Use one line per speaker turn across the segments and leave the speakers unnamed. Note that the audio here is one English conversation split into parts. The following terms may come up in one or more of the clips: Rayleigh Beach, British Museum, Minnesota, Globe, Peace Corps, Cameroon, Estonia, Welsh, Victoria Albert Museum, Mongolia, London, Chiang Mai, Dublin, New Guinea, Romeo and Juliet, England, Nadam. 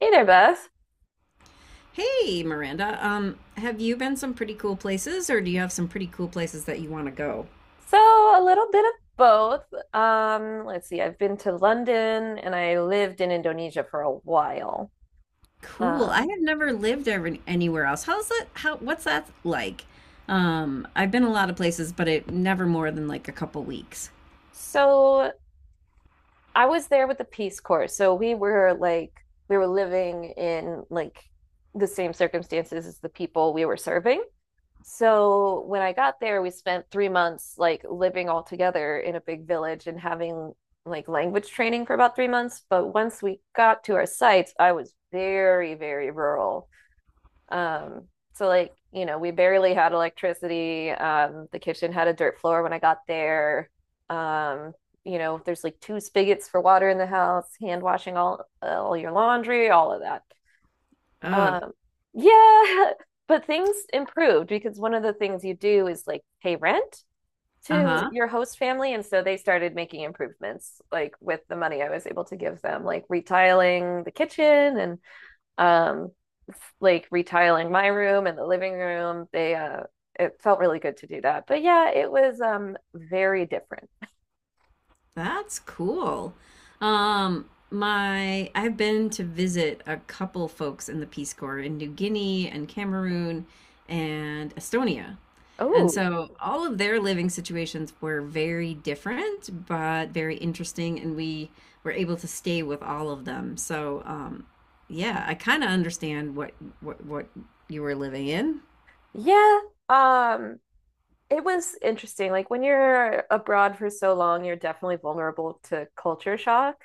Hey there, Beth.
Hey, Miranda. Have you been some pretty cool places, or do you have some pretty cool places that you want to go?
So, a little bit of both. Let's see, I've been to London and I lived in Indonesia for a while.
Cool. I
Um,
have never lived ever anywhere else. How's that? What's that like? I've been a lot of places, but it never more than like a couple weeks.
so I was there with the Peace Corps. So we were living in like the same circumstances as the people we were serving. So when I got there, we spent 3 months like living all together in a big village and having like language training for about 3 months. But once we got to our sites, I was very, very rural. Um, so like, you know, we barely had electricity. The kitchen had a dirt floor when I got there. Um, you know, there's like two spigots for water in the house, hand washing all your laundry, all of that.
Oh,
Um, yeah, but things improved because one of the things you do is like pay rent to
uh-huh.
your host family, and so they started making improvements like with the money I was able to give them, like retiling the kitchen and um like retiling my room and the living room. They it felt really good to do that. But yeah, it was very different.
That's cool. My I've been to visit a couple folks in the Peace Corps in New Guinea and Cameroon and Estonia. And
Oh,
so all of their living situations were very different, but very interesting, and we were able to stay with all of them. So, yeah, I kind of understand what what you were living in.
yeah. Um It was interesting. Like when you're abroad for so long, you're definitely vulnerable to culture shock.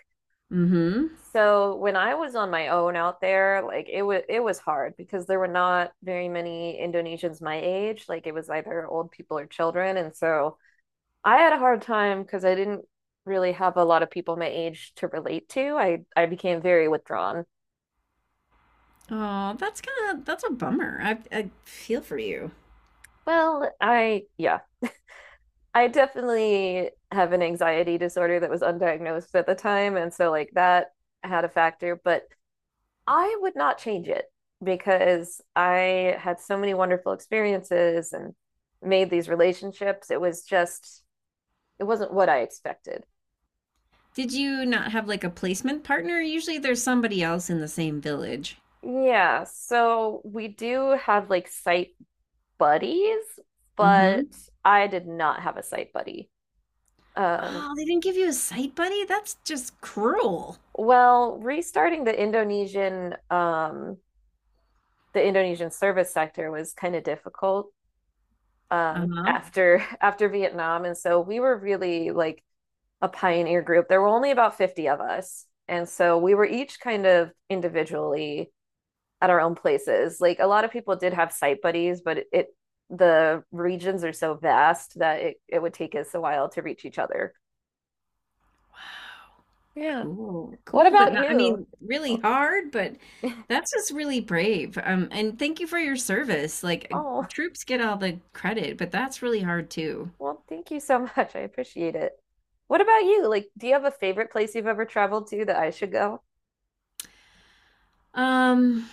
Mm-hmm.
So when I was on my own out there, like it was hard because there were not very many Indonesians my age. Like it was either old people or children, and so I had a hard time because I didn't really have a lot of people my age to relate to. I became very withdrawn.
Oh, that's kind of that's a bummer. I feel for you.
Well, I yeah, I definitely have an anxiety disorder that was undiagnosed at the time. And so, like, that had a factor, but I would not change it because I had so many wonderful experiences and made these relationships. It was just, it wasn't what I expected.
Did you not have like a placement partner? Usually there's somebody else in the same village.
Yeah. So, we do have like site buddies, but
Mm-hmm.
I did not have a site buddy. Um,
Oh, they didn't give you a site buddy? That's just cruel.
well, restarting the Indonesian service sector was kind of difficult
Uh-huh.
after after Vietnam, and so we were really like a pioneer group. There were only about 50 of us, and so we were each kind of individually at our own places. Like a lot of people did have site buddies, but it the regions are so vast that it would take us a while to reach each other. Yeah.
Cool.
What
Cool, but
about
not, I
you?
mean, really hard, but that's just really brave. And thank you for your service. Like
Oh,
troops get all the credit, but that's really hard too.
well, thank you so much. I appreciate it. What about you? Like, do you have a favorite place you've ever traveled to that I should go?
Um,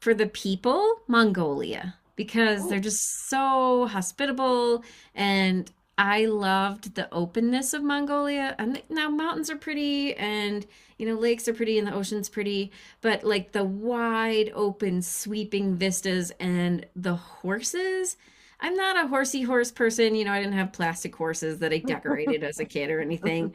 for the people, Mongolia, because they're
Oh.
just so hospitable. And I loved the openness of Mongolia. And now mountains are pretty, and lakes are pretty, and the ocean's pretty, but like the wide open, sweeping vistas and the horses. I'm not a horsey horse person. You know, I didn't have plastic horses that I decorated as a kid or anything,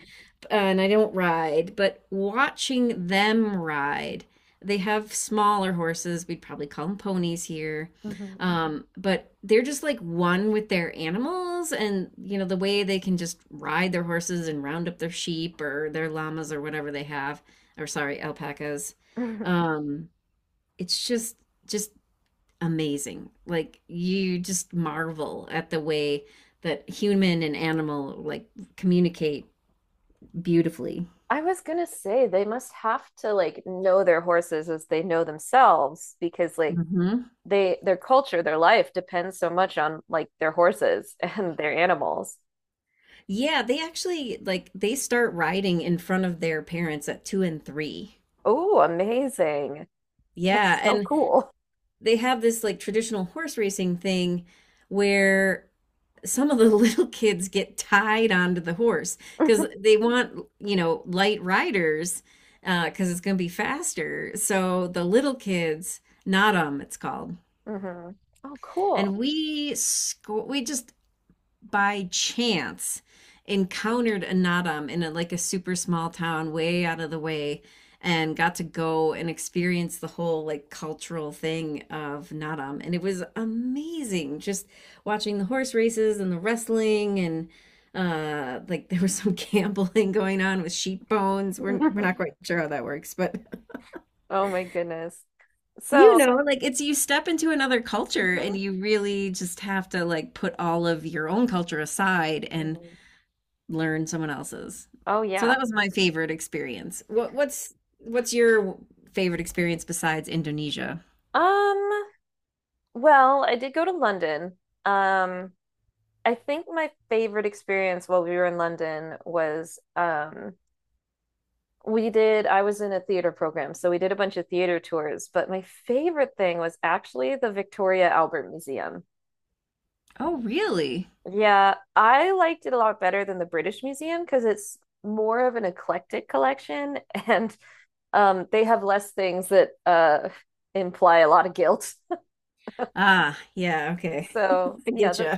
and I don't ride, but watching them ride, they have smaller horses. We'd probably call them ponies here. But they're just like one with their animals, and the way they can just ride their horses and round up their sheep or their llamas or whatever they have, or sorry, alpacas. Um, it's just amazing. Like you just marvel at the way that human and animal like communicate beautifully.
I was gonna say they must have to like know their horses as they know themselves because like
Mm-hmm.
they their culture, their life depends so much on like their horses and their animals.
Yeah, they actually like they start riding in front of their parents at two and three.
Oh, amazing.
Yeah,
That's so
and
cool.
they have this like traditional horse racing thing where some of the little kids get tied onto the horse because
Hmm.
they want, light riders, because it's going to be faster. So the little kids, not 'em, it's called.
Oh, cool.
And we just by chance encountered Anatam in like a super small town way out of the way and got to go and experience the whole like cultural thing of Nadam. And it was amazing just watching the horse races and the wrestling and like there was some gambling going on with sheep bones. We're not quite sure how that works, but
Oh my goodness.
you
So,
know, like it's you step into another culture
mhm.
and you really just have to like put all of your own culture aside and
Mhm.
learn someone else's.
Oh
So
yeah.
that was my favorite experience. What's your favorite experience besides Indonesia?
Um, well, I did go to London. Um, I think my favorite experience while we were in London was we did I was in a theater program, so we did a bunch of theater tours, but my favorite thing was actually the Victoria Albert Museum.
Oh, really?
Yeah, I liked it a lot better than the British Museum because it's more of an eclectic collection and they have less things that imply a lot of guilt.
Ah, yeah, okay.
So,
I
yeah,
get
the
you.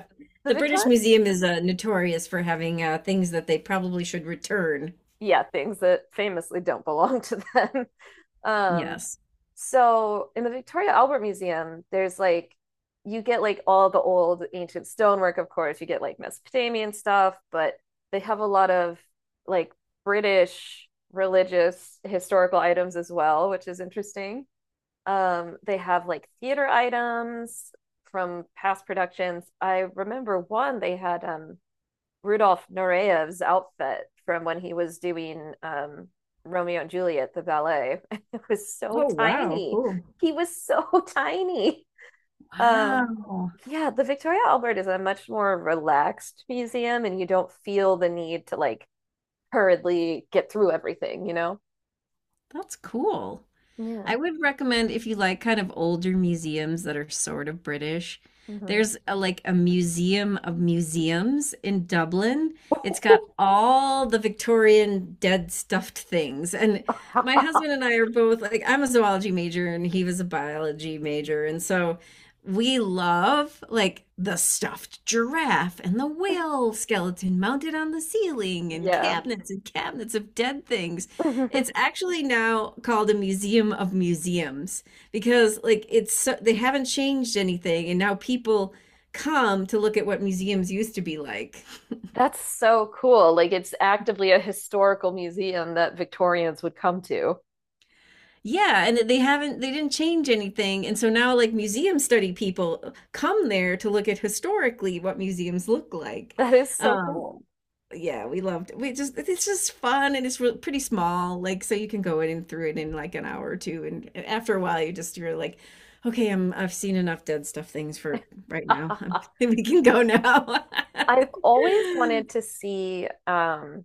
the
The British
Victoria
Museum is notorious for having things that they probably should return.
yeah, things that famously don't belong to them. Um,
Yes.
so in the Victoria Albert Museum, there's like you get like all the old ancient stonework, of course, you get like Mesopotamian stuff, but they have a lot of like British religious historical items as well, which is interesting. They have like theater items from past productions. I remember one they had Rudolf Noreyev's outfit from when he was doing Romeo and Juliet, the ballet. It was so
Oh, wow,
tiny.
cool.
He was so tiny. Um,
Wow.
yeah, the Victoria Albert is a much more relaxed museum, and you don't feel the need to like hurriedly get through everything, you know?
That's cool.
Yeah.
I would recommend if you like kind of older museums that are sort of British.
Hmm.
There's like a museum of museums in Dublin. It's got all the Victorian dead stuffed things. And my husband and I are both like, I'm a zoology major and he was a biology major. And so we love like the stuffed giraffe and the whale skeleton mounted on the ceiling
Yeah.
and cabinets of dead things. It's actually now called a museum of museums because they haven't changed anything and now people come to look at what museums used to be like.
That's so cool. Like it's actively a historical museum that Victorians would come to.
Yeah, and they didn't change anything and so now like museum study people come there to look at historically what museums look like.
That is so
Um
cool.
yeah, we loved we just it's just fun, and it's re pretty small, like so you can go in and through it in like an hour or two, and after a while you're like, okay, I've seen enough dead stuff things for right now. We can go now.
I've always wanted to see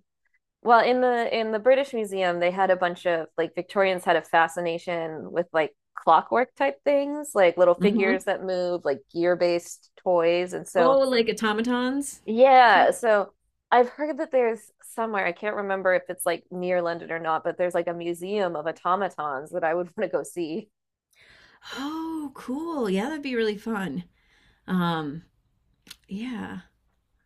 well in the British Museum they had a bunch of like Victorians had a fascination with like clockwork type things, like little figures
hmm
that move, like gear-based toys. And so
Oh, like automatons, kind
yeah,
of.
so I've heard that there's somewhere, I can't remember if it's like near London or not, but there's like a museum of automatons that I would want to go see.
Oh, cool. Yeah, that'd be really fun. Um, yeah.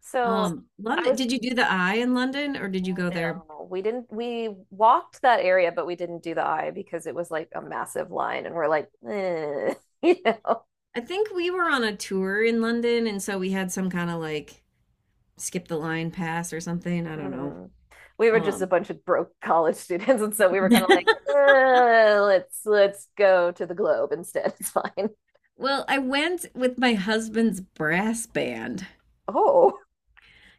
So I
London.
was
Did you do the Eye in London, or did you go there?
no, we didn't. We walked that area, but we didn't do the eye because it was like a massive line, and we're like, eh, you know,
I think we were on a tour in London, and so we had some kind of like skip the line pass or something. I don't know.
mhm, we were just a
Um,
bunch of broke college students, and so we were kind of like, "Eh, let's go to the Globe instead. It's fine."
well, I went with my husband's brass band
Oh,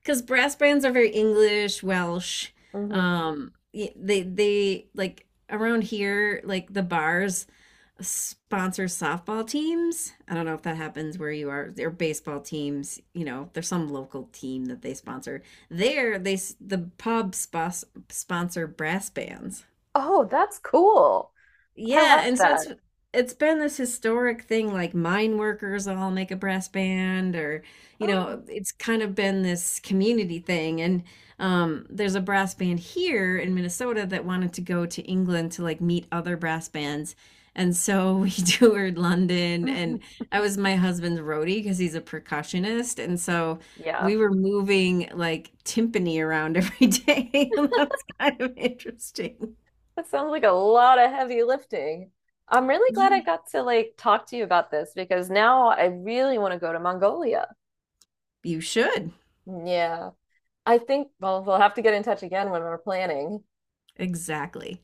because brass bands are very English, Welsh.
mhm.
They like around here, like the bars sponsor softball teams. I don't know if that happens where you are. They're baseball teams. There's some local team that they sponsor. There, the pub sponsor brass bands.
Oh, that's cool. I
Yeah,
love
and so
that.
it's been this historic thing like mine workers all make a brass band or
Oh,
it's kind of been this community thing and there's a brass band here in Minnesota that wanted to go to England to like meet other brass bands. And so we toured London and I was my husband's roadie because he's a percussionist and so
yeah,
we were moving like timpani around every day and that was kind of interesting.
that sounds like a lot of heavy lifting. I'm really glad I
Ye-
got to like talk to you about this because now I really want to go to Mongolia.
You should.
Yeah. I think, well, we'll have to get in touch again when we're planning.
Exactly.